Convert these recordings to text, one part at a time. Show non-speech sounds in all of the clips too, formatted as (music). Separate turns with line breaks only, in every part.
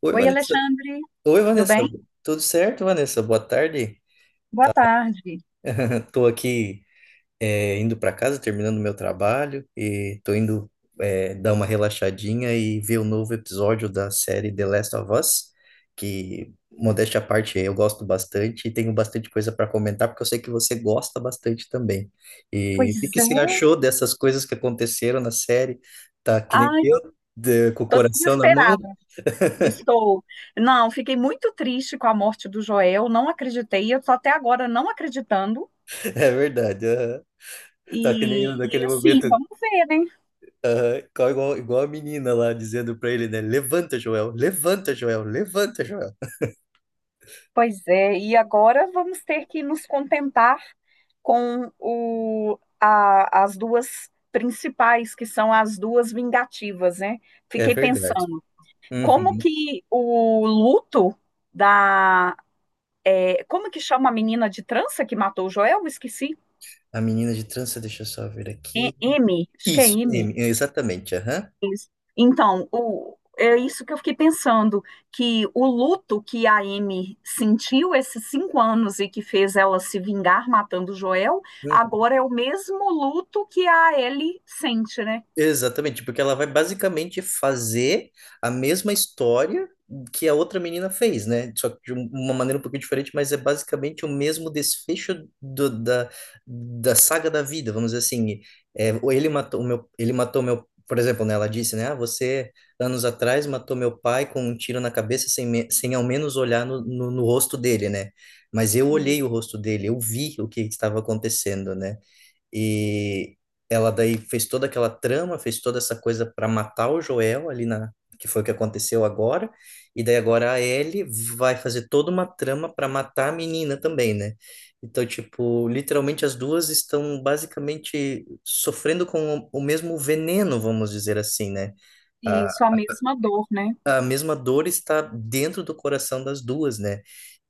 Oi,
Oi,
Vanessa.
Alexandre,
Oi,
tudo
Vanessa.
bem?
Tudo certo, Vanessa? Boa tarde.
Boa tarde.
Estou aqui indo para casa, terminando meu trabalho e estou indo dar uma relaxadinha e ver o novo episódio da série The Last of Us, que, modéstia à parte, eu gosto bastante e tenho bastante coisa para comentar, porque eu sei que você gosta bastante também. E o que
Pois
que
é,
você achou dessas coisas que aconteceram na série? Tá que nem
ai,
eu, com o
tô
coração na mão?
desesperada.
(laughs)
Estou. Não, fiquei muito triste com a morte do Joel, não acreditei, eu tô até agora não acreditando.
É verdade. Aham. Tá que nem
E,
eu
e
naquele
assim,
momento.
vamos ver, né?
Aham, igual a menina lá dizendo pra ele, né? Levanta, Joel, levanta, Joel, levanta, Joel.
Pois é, e agora vamos ter que nos contentar com as duas principais, que são as duas vingativas, né?
É
Fiquei
verdade.
pensando, como
Uhum.
que o luto é, como que chama a menina de trança que matou o Joel? Eu esqueci.
A menina de trança, deixa eu só ver
E-
aqui.
M, acho que é
Isso,
M.
M, exatamente, aham.
Então, é isso que eu fiquei pensando, que o luto que a M sentiu esses cinco anos e que fez ela se vingar matando o Joel, agora é o mesmo luto que a Ellie sente, né?
Exatamente, porque ela vai basicamente fazer a mesma história que a outra menina fez, né? Só que uma maneira um pouquinho diferente, mas é basicamente o mesmo desfecho da, da saga da vida, vamos dizer assim. É, ou ele matou o meu, ele matou meu, por exemplo, né? Ela disse, né? Ah, você anos atrás matou meu pai com um tiro na cabeça sem, sem ao menos olhar no, no rosto dele, né? Mas eu
E,
olhei o rosto dele, eu vi o que estava acontecendo, né? E ela daí fez toda aquela trama, fez toda essa coisa para matar o Joel ali na que foi o que aconteceu agora. E daí agora a Ellie vai fazer toda uma trama para matar a menina também, né? Então, tipo, literalmente as duas estão basicamente sofrendo com o mesmo veneno, vamos dizer assim, né?
e isso, a mesma dor, né?
A mesma dor está dentro do coração das duas, né?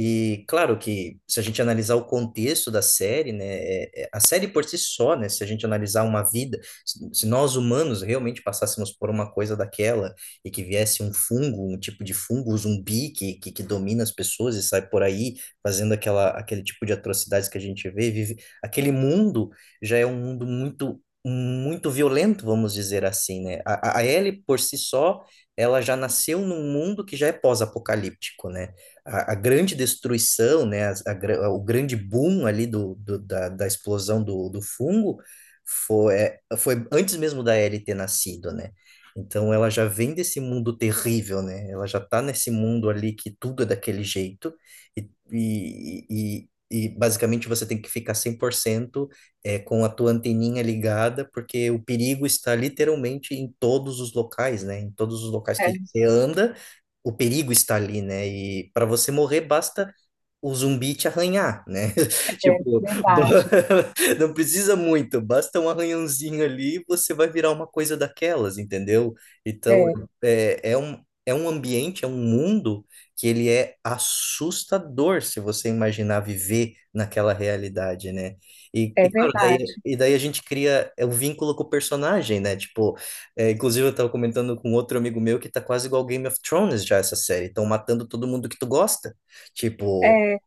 E claro que se a gente analisar o contexto da série, né, a série por si só, né, se a gente analisar uma vida, se nós humanos realmente passássemos por uma coisa daquela e que viesse um fungo, um tipo de fungo, um zumbi que domina as pessoas e sai por aí fazendo aquele tipo de atrocidades que a gente vê, vive, aquele mundo já é um mundo muito, muito violento, vamos dizer assim, né? A Ellie por si só, ela já nasceu num mundo que já é pós-apocalíptico, né? A grande destruição, né? O grande boom ali da explosão do fungo foi, foi antes mesmo da Ellie ter nascido, né? Então ela já vem desse mundo terrível, né? Ela já tá nesse mundo ali que tudo é daquele jeito e, e, e basicamente você tem que ficar 100% com a tua anteninha ligada, porque o perigo está literalmente em todos os locais, né? Em todos os locais
É,
que você anda, o perigo está ali, né? E para você morrer, basta o zumbi te arranhar, né? (laughs)
é
Tipo, ba-
verdade.
(laughs) não precisa muito, basta um arranhãozinho ali e você vai virar uma coisa daquelas, entendeu? Então,
É,
é, é um, é um ambiente, é um mundo que ele é assustador se você imaginar viver naquela realidade, né?
é verdade.
E daí a gente cria o vínculo com o personagem, né? Tipo, é, inclusive eu tava comentando com outro amigo meu que tá quase igual Game of Thrones já essa série, estão matando todo mundo que tu gosta. Tipo,
É,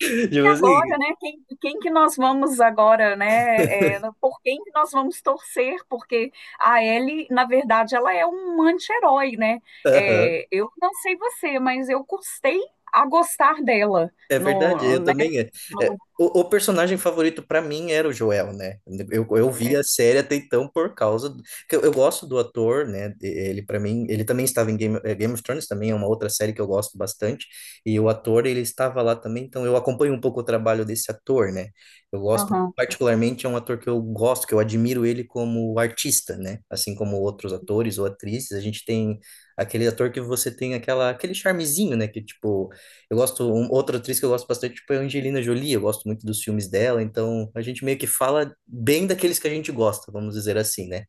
(laughs)
e
tipo
agora,
assim.
né? Quem que nós vamos agora, né? Por quem que nós vamos torcer? Porque a Ellie, na verdade, ela é um anti-herói, né?
Aham.
É, eu não sei você, mas eu custei a gostar dela
É verdade,
no,
eu
né?
também. É. É,
no-
o personagem favorito pra mim era o Joel, né? Eu vi
é,
a série até então por causa do, que eu gosto do ator, né? Ele para mim, ele também estava em Game, Game of Thrones, também é uma outra série que eu gosto bastante. E o ator, ele estava lá também, então eu acompanho um pouco o trabalho desse ator, né? Eu gosto
aham,
particularmente, é um ator que eu gosto, que eu admiro ele como artista, né? Assim como outros atores ou atrizes, a gente tem aquele ator que você tem aquela aquele charmezinho, né? Que tipo eu gosto, outra atriz que eu gosto bastante, tipo, é a Angelina Jolie, eu gosto muito dos filmes dela, então a gente meio que fala bem daqueles que a gente gosta, vamos dizer assim, né?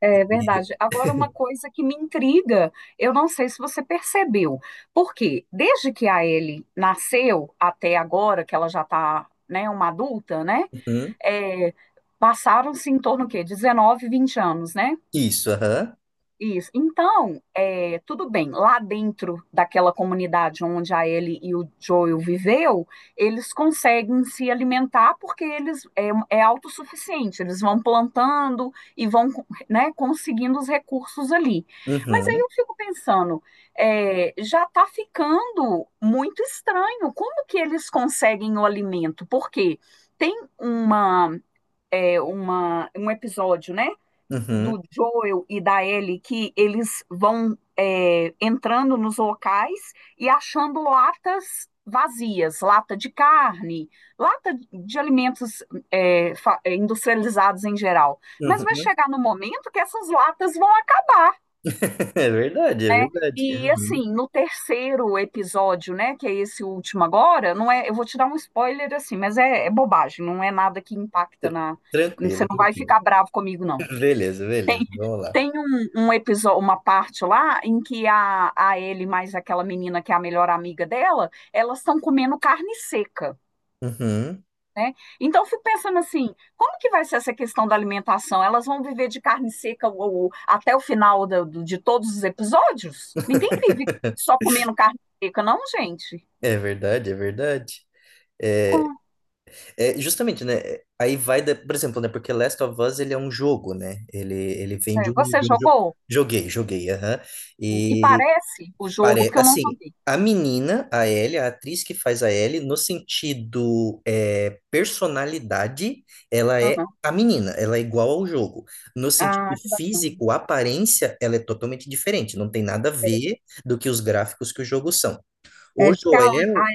é
E-
verdade. Agora, uma coisa que me intriga, eu não sei se você percebeu, porque desde que a Ellie nasceu até agora, que ela já está, né, uma adulta, né?
Uhum.
é, passaram-se em torno o quê? 19, 20 anos, né?
Isso, aham.
Isso. Então, é, tudo bem, lá dentro daquela comunidade onde a Ellie e o Joel viveu, eles conseguem se alimentar porque eles é autossuficiente, eles vão plantando e vão, né, conseguindo os recursos ali. Mas aí
Uhum.
eu fico pensando, é, já está ficando muito estranho, como que eles conseguem o alimento? Porque tem uma um episódio, né?
Uhum.
Do Joel e da Ellie, que eles vão entrando nos locais e achando latas vazias, lata de carne, lata de alimentos é, industrializados em geral. Mas vai
Uhum.
chegar no momento que essas latas vão acabar,
(laughs) É verdade, é
né?
verdade.
E
Uhum.
assim, no terceiro episódio, né, que é esse último agora, não é, eu vou te dar um spoiler assim, mas é bobagem, não é nada que impacta
Tr-
na, você
Tranquilo,
não vai
tranquilo.
ficar bravo comigo não.
(laughs) Beleza, beleza, vamos lá.
Tem um episódio, uma parte lá em que a Ellie mais aquela menina que é a melhor amiga dela, elas estão comendo carne seca,
Uhum.
né? Então, eu fico pensando assim, como que vai ser essa questão da alimentação? Elas vão viver de carne seca até o final de todos os episódios? Ninguém vive
(laughs)
só comendo carne seca, não, gente.
É verdade, é verdade. É,
Com-
é, justamente, né? Aí vai, por exemplo, né? Porque Last of Us, ele é um jogo, né? Ele vem
você
de um jogo.
jogou?
Joguei, joguei, aham.
E
E
parece o jogo,
pare,
porque eu não
assim,
joguei.
a menina, a Ellie, a atriz que faz a Ellie, no sentido personalidade, ela é
Aham.
a menina, ela é igual ao jogo. No sentido
Ah, que bacana.
físico, a aparência, ela é totalmente diferente. Não tem nada a ver do que os gráficos que o jogo são.
É,
O
diz que
Joel,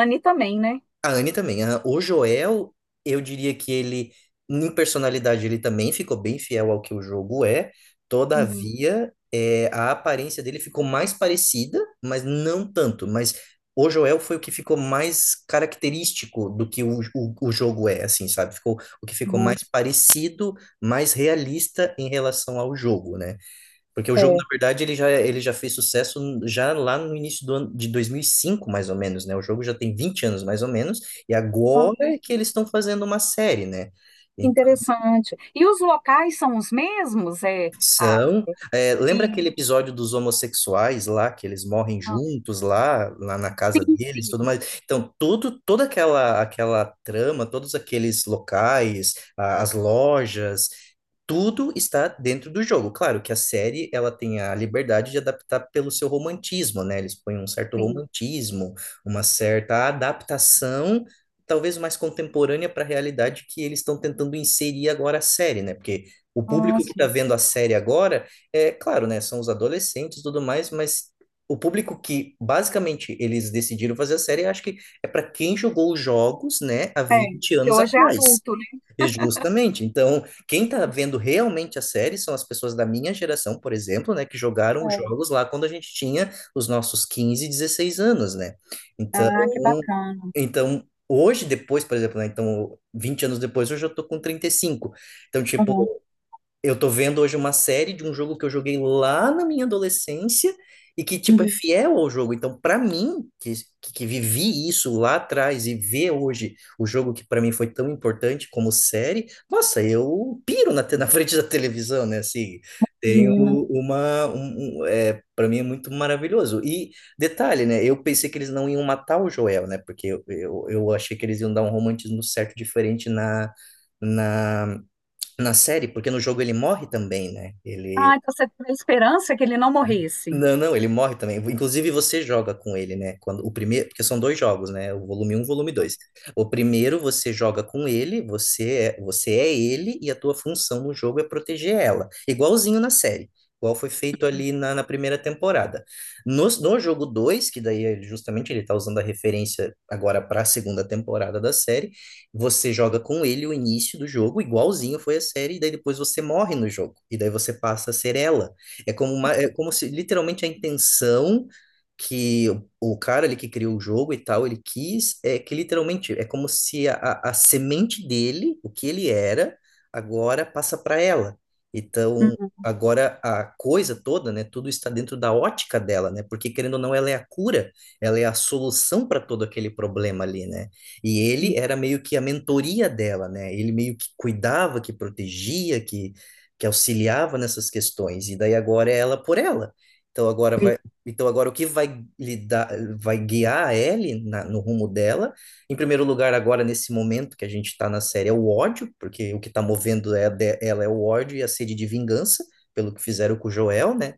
a Anne também, né?
a Anne também. Aham. O Joel, eu diria que ele, em personalidade, ele também ficou bem fiel ao que o jogo é.
Uhum.
Todavia, é, a aparência dele ficou mais parecida, mas não tanto. Mas o Joel foi o que ficou mais característico do que o jogo é, assim, sabe? Ficou o que ficou
Uhum.
mais parecido, mais realista em relação ao jogo, né? Porque o jogo, na
É.
verdade, ele já fez sucesso já lá no início do ano de 2005, mais ou menos, né? O jogo já tem 20 anos, mais ou menos, e
Ah,
agora é que eles estão fazendo uma série, né?
que
Então,
interessante. E os locais são os mesmos?
são... é,
E,
lembra aquele episódio dos homossexuais lá, que eles morrem
ah,
juntos lá, lá na casa
sim,
deles, tudo
sim,
mais? Então, tudo, aquela trama, todos aqueles locais, as lojas, tudo está dentro do jogo. Claro que a série, ela tem a liberdade de adaptar pelo seu romantismo, né? Eles põem um certo
sim.
romantismo, uma certa adaptação, talvez mais contemporânea para a realidade que eles estão tentando inserir agora a série, né? Porque o
Ah,
público que está vendo a série agora, é claro, né? São os adolescentes e tudo mais, mas o público que basicamente eles decidiram fazer a série, eu acho que é para quem jogou os jogos, né, há
é,
vinte
que
anos
hoje é
atrás.
adulto, né?
Justamente. Então, quem está
Isso.
vendo realmente a série são as pessoas da minha geração, por exemplo, né, que jogaram os
É.
jogos lá quando a gente tinha os nossos 15, 16 anos, né? Então,
Ah, que bacana.
então hoje depois, por exemplo, né, então 20 anos depois, hoje eu tô com 35. Então, tipo,
Uhum.
eu tô vendo hoje uma série de um jogo que eu joguei lá na minha adolescência e que, tipo, é
Uhum.
fiel ao jogo. Então, pra mim, que vivi isso lá atrás e ver hoje o jogo que pra mim foi tão importante como série, nossa, eu piro na, na (laughs) frente da televisão, né? Assim, tenho
Imagina.
uma... para mim é muito maravilhoso. E detalhe, né? Eu pensei que eles não iam matar o Joel, né? Porque eu achei que eles iam dar um romantismo certo diferente na... Na, na série, porque no jogo ele morre também, né?
Ah,
Ele,
então você tem a esperança que ele não morresse.
não, não, ele morre também. Inclusive, você joga com ele, né? Quando o primeiro, porque são dois jogos, né? O volume um e o volume 2. O primeiro você joga com ele, você é ele, e a tua função no jogo é proteger ela. Igualzinho na série. Igual foi feito ali na, na primeira temporada. No jogo 2, que daí é justamente ele tá usando a referência agora para a segunda temporada da série, você joga com ele o início do jogo, igualzinho foi a série, e daí depois você morre no jogo. E daí você passa a ser ela. É como se literalmente a intenção que o cara ali que criou o jogo e tal, ele quis, é que literalmente é como se a semente dele, o que ele era, agora passa para ela. Então, agora a coisa toda, né, tudo está dentro da ótica dela, né? Porque querendo ou não, ela é a cura, ela é a solução para todo aquele problema ali, né? E
Uhum.
ele era meio que a mentoria dela, né? Ele meio que cuidava, que protegia, que auxiliava nessas questões, e daí agora é ela por ela. Então agora
E-
vai, então agora o que vai lidar, vai guiar a Ellie no rumo dela? Em primeiro lugar, agora nesse momento que a gente está na série é o ódio, porque o que está movendo é ela é o ódio e a sede de vingança pelo que fizeram com o Joel, né?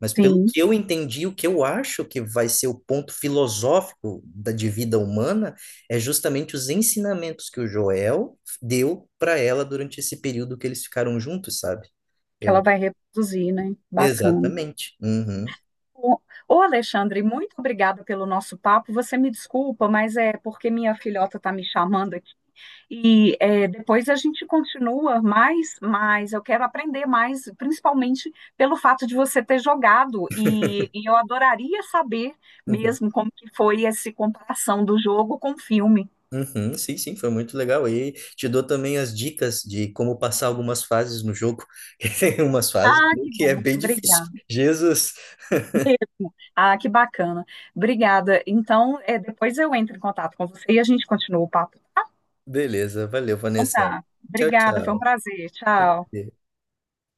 Mas pelo
Sim,
que eu entendi, o que eu acho que vai ser o ponto filosófico da de vida humana é justamente os ensinamentos que o Joel deu para ela durante esse período que eles ficaram juntos, sabe?
que ela
Eu,
vai reproduzir, né? Bacana.
exatamente. Uhum,
Ô, ô, Alexandre, muito obrigada pelo nosso papo. Você me desculpa, mas é porque minha filhota está me chamando aqui. E é, depois a gente continua mais. Eu quero aprender mais, principalmente pelo fato de você ter jogado. E eu adoraria saber
uhum,
mesmo como que foi essa comparação do jogo com o filme.
uhum. Sim, sim, foi muito legal. E te dou também as dicas de como passar algumas fases no jogo, (laughs) que tem umas fases
Ah, que
que é
bom,
bem difícil.
obrigada.
Jesus.
Ah, que bacana. Obrigada. Então, é, depois eu entro em contato com você e a gente continua o papo.
Beleza, valeu,
Então
Vanessa.
tá,
Tchau,
obrigada, foi um
tchau.
prazer. Tchau.